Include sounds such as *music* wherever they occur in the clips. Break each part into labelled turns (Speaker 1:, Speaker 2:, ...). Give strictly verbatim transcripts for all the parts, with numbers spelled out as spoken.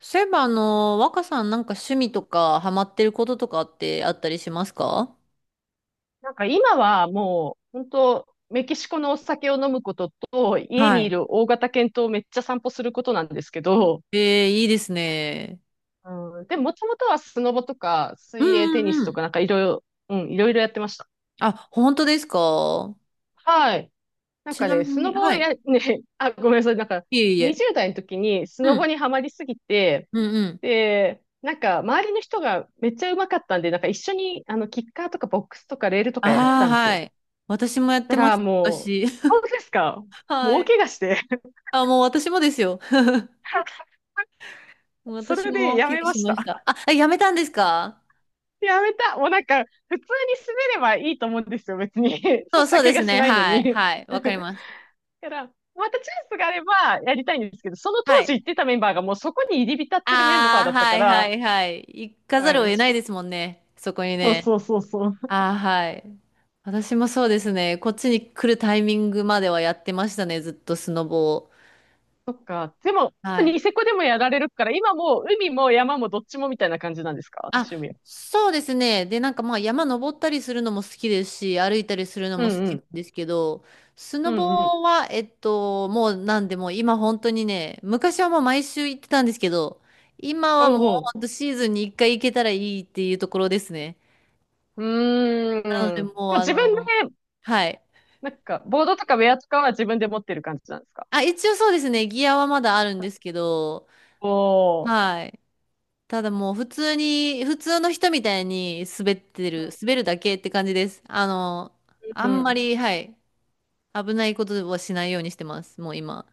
Speaker 1: そういえば、あの、若さんなんか趣味とかハマってることとかってあったりしますか？
Speaker 2: なんか今はもう本当メキシコのお酒を飲むことと家
Speaker 1: は
Speaker 2: にい
Speaker 1: い。
Speaker 2: る大型犬とめっちゃ散歩することなんですけど、
Speaker 1: ええいいですね。
Speaker 2: うん、でももともとはスノボとか
Speaker 1: う
Speaker 2: 水泳テ
Speaker 1: ん
Speaker 2: ニ
Speaker 1: う
Speaker 2: ス
Speaker 1: んう
Speaker 2: と
Speaker 1: ん。
Speaker 2: かなんかいろいろ、うん、いろいろやってました。
Speaker 1: あ、本当ですか？
Speaker 2: はい。なん
Speaker 1: ち
Speaker 2: か
Speaker 1: な
Speaker 2: ね、
Speaker 1: み
Speaker 2: スノ
Speaker 1: に、
Speaker 2: ボ
Speaker 1: は
Speaker 2: を
Speaker 1: い。
Speaker 2: や、ね、あ、ごめんなさい。なんか
Speaker 1: いえいえ。
Speaker 2: にじゅうだい代の時にス
Speaker 1: う
Speaker 2: ノボ
Speaker 1: ん。
Speaker 2: にはまりすぎて、
Speaker 1: うんうん。
Speaker 2: で、なんか周りの人がめっちゃ上手かったんで、なんか一緒にあのキッカーとかボックスとかレールと
Speaker 1: あ
Speaker 2: かやってた
Speaker 1: あ、
Speaker 2: んです
Speaker 1: は
Speaker 2: よ。
Speaker 1: い。私もやっ
Speaker 2: た
Speaker 1: てまし
Speaker 2: ら
Speaker 1: た、
Speaker 2: もう、
Speaker 1: 昔。
Speaker 2: 本当ですか？
Speaker 1: *laughs*
Speaker 2: もう
Speaker 1: は
Speaker 2: 大
Speaker 1: い。
Speaker 2: 怪我して。
Speaker 1: あ、もう私もですよ。
Speaker 2: *laughs*
Speaker 1: *laughs*
Speaker 2: そ
Speaker 1: 私
Speaker 2: れで
Speaker 1: も
Speaker 2: や
Speaker 1: 寄
Speaker 2: め
Speaker 1: 付
Speaker 2: ま
Speaker 1: し
Speaker 2: し
Speaker 1: まし
Speaker 2: た。
Speaker 1: た。あ、えやめたんですか？
Speaker 2: やめた。もうなんか、普通に滑ればいいと思うんですよ、別に。*laughs*
Speaker 1: そ
Speaker 2: そ
Speaker 1: う
Speaker 2: した
Speaker 1: そう
Speaker 2: ら
Speaker 1: で
Speaker 2: 怪我
Speaker 1: す
Speaker 2: し
Speaker 1: ね。
Speaker 2: ないの
Speaker 1: はい。
Speaker 2: に。
Speaker 1: はい。
Speaker 2: *laughs*
Speaker 1: わ
Speaker 2: だ
Speaker 1: かります。
Speaker 2: から、またチャンスがあればやりたいんですけど、その
Speaker 1: は
Speaker 2: 当
Speaker 1: い。
Speaker 2: 時行ってたメンバーがもうそこに入り浸ってるメンバー
Speaker 1: ああ、
Speaker 2: だった
Speaker 1: は
Speaker 2: か
Speaker 1: いは
Speaker 2: ら、
Speaker 1: いはい。行かざる
Speaker 2: う
Speaker 1: を
Speaker 2: ん、
Speaker 1: 得
Speaker 2: ち
Speaker 1: ない
Speaker 2: ょっ
Speaker 1: ですもんね。そこに
Speaker 2: と、
Speaker 1: ね。
Speaker 2: そうそうそうそう。
Speaker 1: ああ、はい。私もそうですね。こっちに来るタイミングまではやってましたね。ずっとスノボを。
Speaker 2: そっか。でも、
Speaker 1: はい。
Speaker 2: ニセコでもやられるから、今もう海も山もどっちもみたいな感じなんですか？
Speaker 1: あ、
Speaker 2: 趣味は。
Speaker 1: そうですね。で、なんかまあ山登ったりするのも好きですし、歩いたりするの
Speaker 2: う
Speaker 1: も好
Speaker 2: んう
Speaker 1: きな
Speaker 2: ん。
Speaker 1: んですけど、ス
Speaker 2: う
Speaker 1: ノ
Speaker 2: んうん。
Speaker 1: ボは、えっと、もうなんでもう今本当にね、昔はもう毎週行ってたんですけど、今
Speaker 2: お
Speaker 1: はもう
Speaker 2: うお
Speaker 1: 本当シーズンに一回行けたらいいっていうところですね。
Speaker 2: う。う
Speaker 1: なので、
Speaker 2: ーん。
Speaker 1: もう、
Speaker 2: まあ、
Speaker 1: あ
Speaker 2: 自分
Speaker 1: の、
Speaker 2: で
Speaker 1: はい。
Speaker 2: なんか、ボードとかウェアとかは自分で持ってる感じなんですか？
Speaker 1: あ、一応そうですね。ギアはまだあるんですけど、
Speaker 2: おー。
Speaker 1: はい。ただもう普通に、普通の人みたいに滑ってる、滑るだけって感じです。あの、あ
Speaker 2: う
Speaker 1: んま
Speaker 2: ん。
Speaker 1: り、はい。危ないことはしないようにしてます。もう今。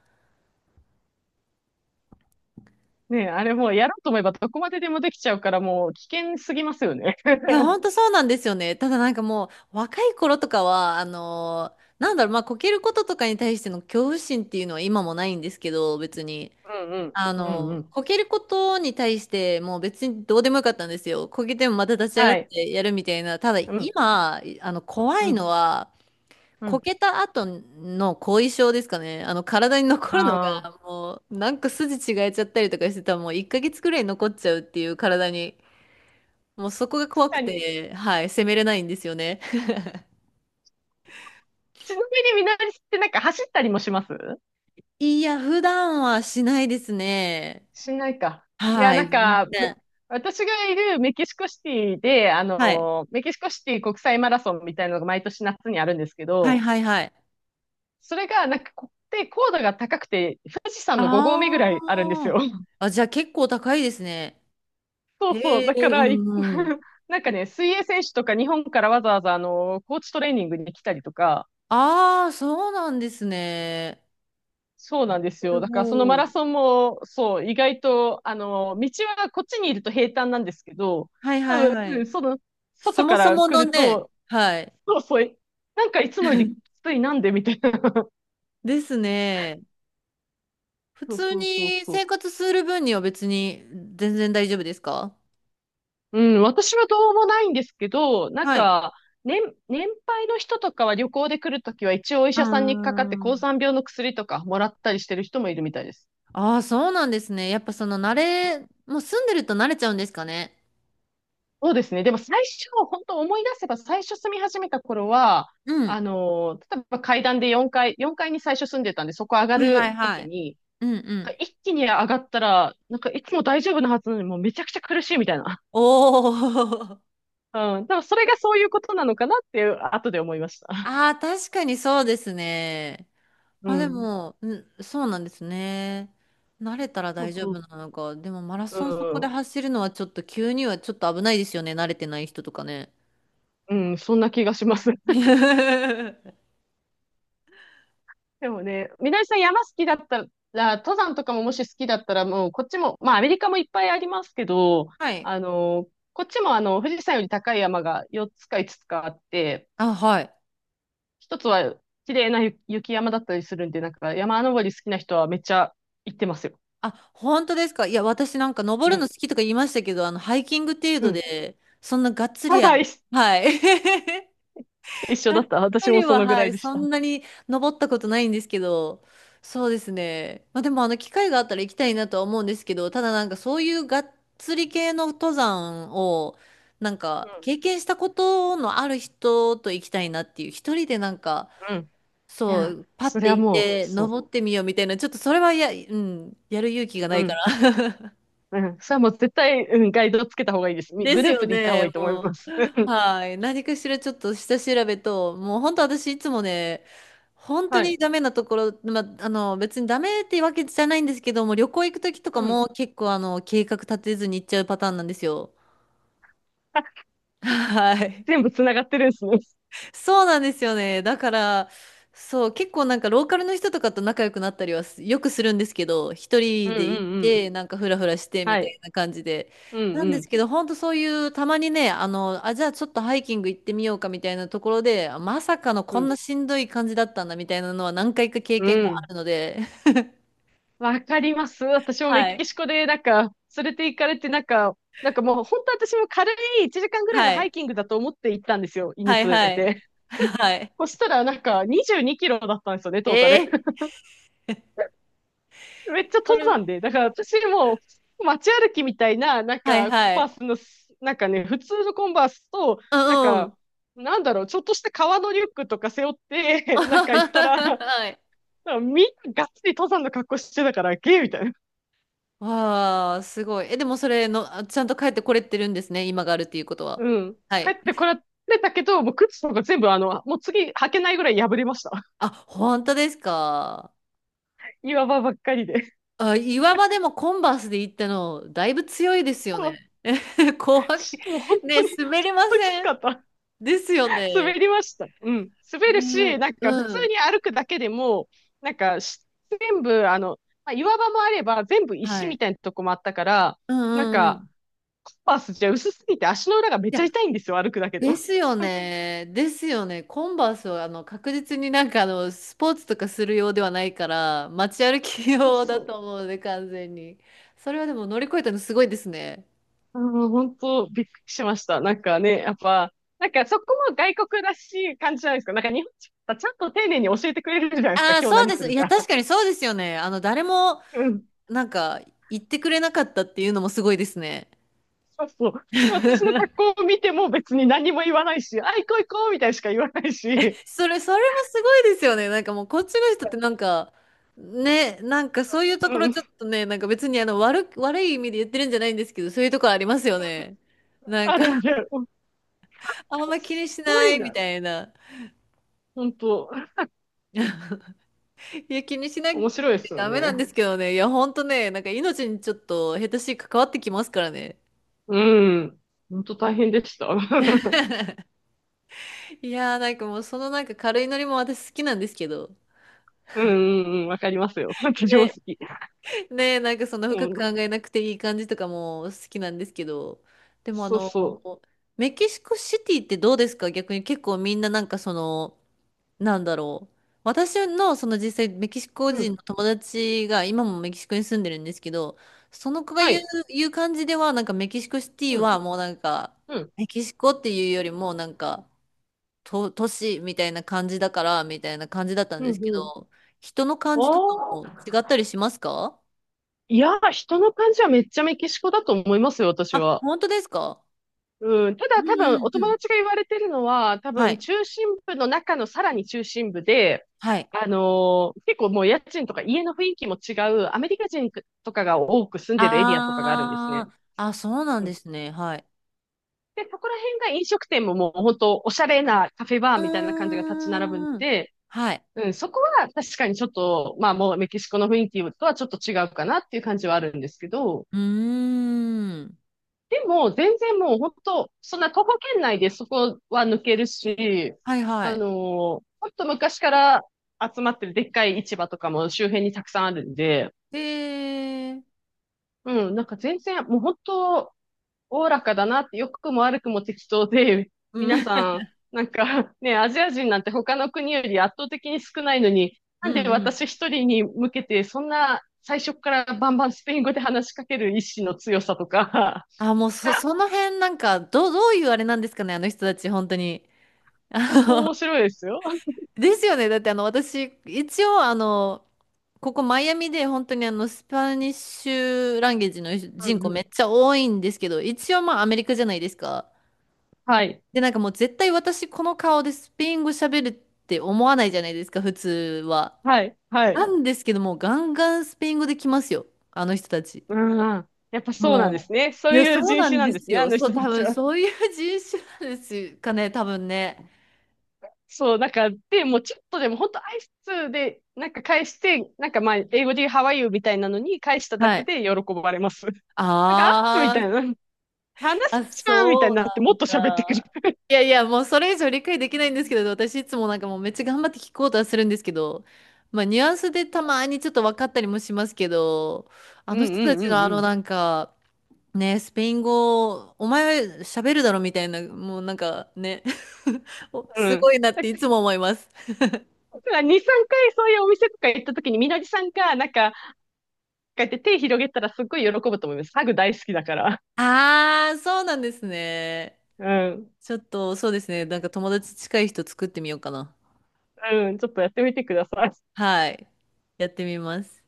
Speaker 2: ねえ、あれもうやろうと思えばどこまででもできちゃうからもう危険すぎますよね。
Speaker 1: いや、
Speaker 2: *laughs*
Speaker 1: ほんとそうなんですよね。ただなんかもう、若い頃とかは、あの、なんだろう、まあ、こけることとかに対しての恐怖心っていうのは今もないんですけど、別に。
Speaker 2: うんうん。
Speaker 1: あ
Speaker 2: うんう
Speaker 1: の、
Speaker 2: ん。
Speaker 1: こけることに対してもう別にどうでもよかったんですよ。こけてもまた立
Speaker 2: *laughs*
Speaker 1: ち上が
Speaker 2: は
Speaker 1: っ
Speaker 2: い。
Speaker 1: てやるみたいな。ただ
Speaker 2: うん。
Speaker 1: 今、あの、怖
Speaker 2: う
Speaker 1: い
Speaker 2: ん。
Speaker 1: のは、
Speaker 2: う
Speaker 1: こ
Speaker 2: ん。
Speaker 1: けた後の後遺症ですかね。あの、体に残るの
Speaker 2: ああ。
Speaker 1: が、もう、なんか筋違えちゃったりとかしてたら、もういっかげつくらい残っちゃうっていう体に、もうそこが怖
Speaker 2: 確
Speaker 1: く
Speaker 2: かに。
Speaker 1: て、はい、責めれないんですよね。
Speaker 2: ちなみにみなりってなんか走ったりもします？
Speaker 1: いや、普段はしないですね。
Speaker 2: しないか。いや、
Speaker 1: は
Speaker 2: な
Speaker 1: い、
Speaker 2: ん
Speaker 1: 全
Speaker 2: か、め
Speaker 1: 然。
Speaker 2: 私がいるメキシコシティで、あ
Speaker 1: はい。
Speaker 2: の、メキシコシティ国際マラソンみたいなのが毎年夏にあるんですけ
Speaker 1: はい
Speaker 2: ど、
Speaker 1: はいはい。
Speaker 2: それが、なんかこ、で、高度が高くて、富士山のごごうめ合目ぐ
Speaker 1: あ
Speaker 2: らいあるんですよ。
Speaker 1: あ。
Speaker 2: *laughs*
Speaker 1: あ、じゃあ結構高いですね。
Speaker 2: そう
Speaker 1: へ
Speaker 2: そう。だか
Speaker 1: え、う
Speaker 2: ら、い
Speaker 1: んうん。
Speaker 2: *laughs* なんかね、水泳選手とか日本からわざわざ、あの、コーチトレーニングに来たりとか、
Speaker 1: ああ、そうなんですね。
Speaker 2: そうなんです
Speaker 1: す
Speaker 2: よ。だから、そのマ
Speaker 1: ご
Speaker 2: ラ
Speaker 1: い。
Speaker 2: ソンも、そう、意外と、あの、道はこっちにいると平坦なんですけど、
Speaker 1: はいはいは
Speaker 2: うん、
Speaker 1: い。
Speaker 2: その、
Speaker 1: そ
Speaker 2: 外
Speaker 1: も
Speaker 2: か
Speaker 1: そ
Speaker 2: ら
Speaker 1: も
Speaker 2: 来
Speaker 1: の
Speaker 2: る
Speaker 1: ね、
Speaker 2: と、
Speaker 1: はい。
Speaker 2: そうそう、なんかいつもよりき
Speaker 1: *laughs*
Speaker 2: ついなんでみたいな。*laughs*
Speaker 1: ですね。普
Speaker 2: そう
Speaker 1: 通
Speaker 2: そうそう
Speaker 1: に
Speaker 2: そ
Speaker 1: 生
Speaker 2: う。
Speaker 1: 活する分には別に全然大丈夫ですか？
Speaker 2: うん、私はどうもないんですけど、なん
Speaker 1: はい。
Speaker 2: か、年、年配の人とかは旅行で来るときは一応お医
Speaker 1: あ
Speaker 2: 者さんにかかって高
Speaker 1: ー
Speaker 2: 山病の薬とかもらったりしてる人もいるみたいです。
Speaker 1: あー、そうなんですね。やっぱその慣れ、もう住んでると慣れちゃうんですかね。
Speaker 2: そうですね。でも最初、本当思い出せば最初住み始めた頃は、
Speaker 1: うん。
Speaker 2: あのー、例えば階段でよんかい、よんかいに最初住んでたんで、そこ上が
Speaker 1: はいはい
Speaker 2: ると
Speaker 1: は
Speaker 2: き
Speaker 1: い。
Speaker 2: に、
Speaker 1: うんうん。
Speaker 2: 一気に上がったら、なんかいつも大丈夫なはずなのにもうめちゃくちゃ苦しいみたいな。
Speaker 1: おお。
Speaker 2: うん。でもそれがそういうことなのかなっていう、後で思いました。
Speaker 1: ああ、確かにそうですね。
Speaker 2: う
Speaker 1: まあで
Speaker 2: ん。
Speaker 1: も、ん、そうなんですね。慣れたら
Speaker 2: そう
Speaker 1: 大丈
Speaker 2: そう
Speaker 1: 夫なのか。でもマラ
Speaker 2: そ
Speaker 1: ソンそこで
Speaker 2: う。
Speaker 1: 走るのはちょっと急にはちょっと危ないですよね。慣れてない人とかね。
Speaker 2: うん、そんな気がします。
Speaker 1: *laughs*
Speaker 2: *laughs*
Speaker 1: は
Speaker 2: でもね、みなりさん山好きだったら、登山とかももし好きだったら、もうこっちも、まあアメリカもいっぱいありますけど、
Speaker 1: い。
Speaker 2: あの、こっちもあの、富士山より高い山がよっつかいつつつかあって、
Speaker 1: あ、はい。
Speaker 2: 一つは綺麗な雪雪山だったりするんで、なんか山登り好きな人はめっちゃ行ってますよ。
Speaker 1: あ、本当ですか。いや、私なんか登
Speaker 2: う
Speaker 1: るの
Speaker 2: ん。
Speaker 1: 好きとか言いましたけど、あの、ハイキング程
Speaker 2: う
Speaker 1: 度
Speaker 2: ん。
Speaker 1: で、そんながっ
Speaker 2: *laughs*
Speaker 1: つりあ
Speaker 2: は
Speaker 1: の、
Speaker 2: い、一
Speaker 1: はい。*laughs*
Speaker 2: 一緒だった。
Speaker 1: 一ッ
Speaker 2: 私も
Speaker 1: リ
Speaker 2: そ
Speaker 1: は、
Speaker 2: のぐ
Speaker 1: は
Speaker 2: らい
Speaker 1: い、
Speaker 2: でし
Speaker 1: そ
Speaker 2: た。
Speaker 1: んなに登ったことないんですけど、そうですね。まあでも、あの、機会があったら行きたいなとは思うんですけど、ただなんかそういうがっつり系の登山を、なん
Speaker 2: う
Speaker 1: か
Speaker 2: ん。
Speaker 1: 経験したことのある人と行きたいなっていう、一人でなんか、
Speaker 2: うん。い
Speaker 1: そ
Speaker 2: や、
Speaker 1: う、パッ
Speaker 2: そ
Speaker 1: て
Speaker 2: れは
Speaker 1: 行っ
Speaker 2: もう、
Speaker 1: て、
Speaker 2: そ
Speaker 1: 登ってみようみたいな、ちょっとそれはや、うん、やる勇気がな
Speaker 2: う。う
Speaker 1: いか
Speaker 2: ん。
Speaker 1: ら。*laughs*
Speaker 2: うん。それはもう絶対、うん、ガイドつけた方がいいです。み
Speaker 1: で
Speaker 2: グ
Speaker 1: す
Speaker 2: ルー
Speaker 1: よ
Speaker 2: プで行った方が
Speaker 1: ね、
Speaker 2: いいと思いま
Speaker 1: も
Speaker 2: す。
Speaker 1: う。
Speaker 2: *laughs*
Speaker 1: はい。何かしらちょっと下調べと、もう本当私いつもね、本当
Speaker 2: は
Speaker 1: に
Speaker 2: い。
Speaker 1: ダメなところ、まあ、あの、別にダメってわけじゃないんですけども、旅行行くときとか
Speaker 2: うん。
Speaker 1: も結構あの、計画立てずに行っちゃうパターンなんですよ。
Speaker 2: あ、
Speaker 1: はい。
Speaker 2: 全部つながってるんですね。
Speaker 1: そうなんですよね。だから、そう、結構なんかローカルの人とかと仲良くなったりはすよくするんですけど、一
Speaker 2: うん
Speaker 1: 人
Speaker 2: う
Speaker 1: で行っ
Speaker 2: んうん。
Speaker 1: て、なんかフラフラしてみ
Speaker 2: は
Speaker 1: た
Speaker 2: い。
Speaker 1: いな感じで。
Speaker 2: うん
Speaker 1: な
Speaker 2: う
Speaker 1: んで
Speaker 2: ん。
Speaker 1: すけど、ほんとそういう、たまにね、あの、あ、じゃあちょっとハイキング行ってみようかみたいなところで、あまさかの
Speaker 2: う
Speaker 1: こん
Speaker 2: ん。
Speaker 1: なしんどい感じだったんだみたいなのは何回か経
Speaker 2: う
Speaker 1: 験があ
Speaker 2: ん。
Speaker 1: るので、*laughs*
Speaker 2: わかります。私もメ
Speaker 1: は
Speaker 2: キ
Speaker 1: い。
Speaker 2: シコで、なんか、連れて行かれて、なんか、なんかもう、本当私も軽いいちじかんぐらいの
Speaker 1: は
Speaker 2: ハ
Speaker 1: い。
Speaker 2: イキングだと思って行ったんですよ。犬
Speaker 1: はい、
Speaker 2: 連
Speaker 1: は
Speaker 2: れ
Speaker 1: い。
Speaker 2: て。
Speaker 1: はい。
Speaker 2: そしたら、なんか、にじゅうにキロだったんですよね、トータル。
Speaker 1: ええ
Speaker 2: めっちゃ
Speaker 1: そ
Speaker 2: 登
Speaker 1: れ、
Speaker 2: 山で。だから私もう街歩きみたいな、なん
Speaker 1: はい、
Speaker 2: かコン
Speaker 1: は
Speaker 2: バー
Speaker 1: い。
Speaker 2: スのす、なんかね、普通のコンバースと、
Speaker 1: う
Speaker 2: なん
Speaker 1: ん、う
Speaker 2: か、
Speaker 1: ん。
Speaker 2: なんだろう、ちょっとした革のリュックとか背負っ
Speaker 1: *laughs*
Speaker 2: て、*laughs* なんか行ったら、
Speaker 1: はい。
Speaker 2: なんかみんながっつり登山の格好してたから、ゲーみたいな。
Speaker 1: わあ、すごい。え、でもそれの、あちゃんと帰ってこれてるんですね。今があるっていうことは。
Speaker 2: うん。
Speaker 1: は
Speaker 2: 帰
Speaker 1: い。
Speaker 2: ってこられたけど、もう靴とか全部あの、もう次履けないぐらい破れました。
Speaker 1: あ、本当ですか。
Speaker 2: *laughs* 岩場ばっかりで。
Speaker 1: あ、岩場でもコンバースで行ったの、だいぶ強いですよ
Speaker 2: そう。
Speaker 1: ね。*laughs* 怖い。
Speaker 2: もう本
Speaker 1: ね、
Speaker 2: 当に、本
Speaker 1: 滑りま
Speaker 2: 当き
Speaker 1: せ
Speaker 2: つ
Speaker 1: ん。
Speaker 2: かった。
Speaker 1: ですよ
Speaker 2: 滑
Speaker 1: ね。
Speaker 2: りました。うん。滑るし、
Speaker 1: ね、
Speaker 2: なん
Speaker 1: う
Speaker 2: か普通
Speaker 1: ん。
Speaker 2: に歩くだけでも、なんかし全部、あの、まあ、岩場もあれば全部
Speaker 1: は
Speaker 2: 石み
Speaker 1: い。
Speaker 2: たいなとこもあったから、
Speaker 1: う
Speaker 2: なん
Speaker 1: んうんうん。
Speaker 2: か、
Speaker 1: い
Speaker 2: パースじゃ薄すぎて足の裏がめっち
Speaker 1: や、
Speaker 2: ゃ痛いんですよ、歩くだけで
Speaker 1: で
Speaker 2: も。
Speaker 1: すよね。ですよね。コンバースはあの確実になんかあのスポーツとかするようではないから街歩き
Speaker 2: そう
Speaker 1: 用だ
Speaker 2: そう。
Speaker 1: と思うので完全に。それはでも乗り越えたのすごいですね。
Speaker 2: あの、本当びっくりしました。なんかね、やっぱ、なんかそこも外国らしい感じじゃないですか。なんか日本人はちゃんと丁寧に教えてくれるじゃないですか、
Speaker 1: ああ、
Speaker 2: 今日
Speaker 1: そう
Speaker 2: 何
Speaker 1: で
Speaker 2: す
Speaker 1: す。
Speaker 2: る
Speaker 1: いや、
Speaker 2: か。
Speaker 1: 確かにそうですよね。あの、誰も、
Speaker 2: うん。
Speaker 1: なんか、言ってくれなかったっていうのもすごいですね。
Speaker 2: そうそう。で、私の格
Speaker 1: *laughs*
Speaker 2: 好を見ても別に何も言わないし、あ、行こう行こうみたいにしか言わないし、
Speaker 1: それ、それもすごいですよね。なんかもう、こっちの人ってなんか、ね、なんかそういうところ
Speaker 2: うん。
Speaker 1: ちょっとね、なんか別にあの、悪く、悪い意味で言ってるんじゃないんですけど、そういうところありますよね。なん
Speaker 2: あ
Speaker 1: か
Speaker 2: るある。
Speaker 1: あんま気に
Speaker 2: す
Speaker 1: し
Speaker 2: ご
Speaker 1: な
Speaker 2: い
Speaker 1: いみ
Speaker 2: な。
Speaker 1: たいな。
Speaker 2: 本当、
Speaker 1: *laughs* いや、気にしなき
Speaker 2: 面
Speaker 1: ゃ
Speaker 2: 白いですよ
Speaker 1: ダメな
Speaker 2: ね。
Speaker 1: んですけどね。いや、ほんとね、なんか命にちょっと下手しい関わってきますからね。
Speaker 2: うん。本当大変でした。*laughs*
Speaker 1: いやー、なんかもうそのなんか軽いノリも私好きなんですけど。
Speaker 2: うんうんうん、わかりますよ。私も好
Speaker 1: ね、
Speaker 2: き。
Speaker 1: ね、なんかそんな深
Speaker 2: う
Speaker 1: く
Speaker 2: ん。
Speaker 1: 考えなくていい感じとかも好きなんですけど。でもあ
Speaker 2: そう
Speaker 1: の、
Speaker 2: そ
Speaker 1: メキシコシティってどうですか？逆に結構みんななんかその、なんだろう。私のその実際メキシコ
Speaker 2: う。う
Speaker 1: 人
Speaker 2: ん。
Speaker 1: の友達が今もメキシコに住んでるんですけど、その子が
Speaker 2: は
Speaker 1: 言う、
Speaker 2: い。
Speaker 1: 言う感じではなんかメキシコシティ
Speaker 2: うん。
Speaker 1: はもうなんか
Speaker 2: うん。
Speaker 1: メキシコっていうよりもなんかと都市みたいな感じだからみたいな感じだったん
Speaker 2: うん
Speaker 1: ですけ
Speaker 2: うん。
Speaker 1: ど、人の感じとか
Speaker 2: あ
Speaker 1: も違った
Speaker 2: あ。
Speaker 1: りしますか？
Speaker 2: いや、人の感じはめっちゃメキシコだと思いますよ、私
Speaker 1: あ、
Speaker 2: は。
Speaker 1: 本当ですか？
Speaker 2: うん、た
Speaker 1: うん
Speaker 2: だ多分
Speaker 1: うん
Speaker 2: お
Speaker 1: う
Speaker 2: 友
Speaker 1: ん。
Speaker 2: 達が言われてるのは、多
Speaker 1: は
Speaker 2: 分
Speaker 1: い。
Speaker 2: 中心部の中のさらに中心部で、
Speaker 1: はい。
Speaker 2: あのー結構もう家賃とか家の雰囲気も違う、アメリカ人とかが多く住んでるエリアとかがあるんですね。
Speaker 1: あー、あ、そうなん
Speaker 2: う
Speaker 1: で
Speaker 2: ん、
Speaker 1: すね。はい。
Speaker 2: で、そこら辺が飲食店ももう本当おしゃれなカフェバーみたいな感じが
Speaker 1: う
Speaker 2: 立ち並ぶん
Speaker 1: ーん。
Speaker 2: で、
Speaker 1: はい。
Speaker 2: うん、そこは確かにちょっと、まあもうメキシコの雰囲気とはちょっと違うかなっていう感じはあるんですけど、
Speaker 1: うーん。
Speaker 2: でも、全然もう本当、そんな徒歩圏内でそこは抜けるし、
Speaker 1: はいは
Speaker 2: あ
Speaker 1: い。
Speaker 2: のーほんと昔から集まってるでっかい市場とかも周辺にたくさんあるんで、
Speaker 1: で、
Speaker 2: うん、なんか全然、もう本当、おおらかだなって、良くも悪くも適当で、
Speaker 1: う
Speaker 2: 皆
Speaker 1: ん。
Speaker 2: さん、
Speaker 1: *laughs*
Speaker 2: なんかね、アジア人なんて他の国より圧倒的に少ないのに、
Speaker 1: う
Speaker 2: なんで
Speaker 1: んうん。
Speaker 2: 私一人に向けて、そんな最初からバンバンスペイン語で話しかける意志の強さとか、
Speaker 1: あ、もうそ、
Speaker 2: *laughs*
Speaker 1: その辺なんか、どう、どういうあれなんですかね、あの人たち、本当に。*laughs* あ
Speaker 2: 本当面
Speaker 1: の
Speaker 2: 白いですよ。
Speaker 1: ですよね。だってあの、私、一応、あの、ここマイアミで本当にあの、スパニッシュランゲージの
Speaker 2: う
Speaker 1: 人
Speaker 2: んう
Speaker 1: 口め
Speaker 2: ん。
Speaker 1: っちゃ多いんですけど、一応まあアメリカじゃないですか。
Speaker 2: はい。
Speaker 1: で、なんかもう絶対私この顔でスペイン語喋るって思わないじゃないですか、普通は。
Speaker 2: はい。はい。
Speaker 1: なんですけども、ガンガンスペイン語で来ますよ。あの人たち。
Speaker 2: うん。やっぱそうなんです
Speaker 1: もう。
Speaker 2: ね。そ
Speaker 1: い
Speaker 2: う
Speaker 1: や、
Speaker 2: いう
Speaker 1: そう
Speaker 2: 人
Speaker 1: な
Speaker 2: 種
Speaker 1: ん
Speaker 2: なん
Speaker 1: で
Speaker 2: です
Speaker 1: す
Speaker 2: ね、あ
Speaker 1: よ。
Speaker 2: の
Speaker 1: そ
Speaker 2: 人
Speaker 1: う、
Speaker 2: た
Speaker 1: 多
Speaker 2: ち
Speaker 1: 分
Speaker 2: は。
Speaker 1: そういう人種なんですかね、多分ね。
Speaker 2: そう、なんか、で、もうちょっとでも、本当挨拶で、なんか返して、なんかまあ、英語で How are you みたいなのに返しただ
Speaker 1: は
Speaker 2: け
Speaker 1: い。
Speaker 2: で喜ばれます。*laughs* なんか、あみ
Speaker 1: あ
Speaker 2: た
Speaker 1: ー、
Speaker 2: いな、話す
Speaker 1: あ、
Speaker 2: じゃんみたい
Speaker 1: そ
Speaker 2: に
Speaker 1: う
Speaker 2: なって、
Speaker 1: な
Speaker 2: もっ
Speaker 1: ん
Speaker 2: と喋ってく
Speaker 1: だ。
Speaker 2: る。
Speaker 1: いやいや、もうそれ以上理解できないんですけど、私いつもなんかもうめっちゃ頑張って聞こうとはするんですけど、まあニュアンスでたまにちょっと分かったりもしますけど、あ
Speaker 2: うん
Speaker 1: の人た
Speaker 2: う
Speaker 1: ちの
Speaker 2: んう
Speaker 1: あの
Speaker 2: ん
Speaker 1: なんか、ねえ、スペイン語、お前喋るだろみたいな、もうなんかね、*laughs* お
Speaker 2: うん。
Speaker 1: す
Speaker 2: う
Speaker 1: ご
Speaker 2: ん。
Speaker 1: いなっ
Speaker 2: だ
Speaker 1: ていつも思います。
Speaker 2: からに、さんかいそういうお店とか行った時に、みのりさんが、なんか、こうやって手広げたらすっごい喜ぶと思います。ハグ大好きだから。
Speaker 1: あー、そうなんですね。
Speaker 2: うん。
Speaker 1: ちょっと、そうですね。なんか友達近い人作ってみようかな。
Speaker 2: うん、ちょっとやってみてください。
Speaker 1: はい。やってみます。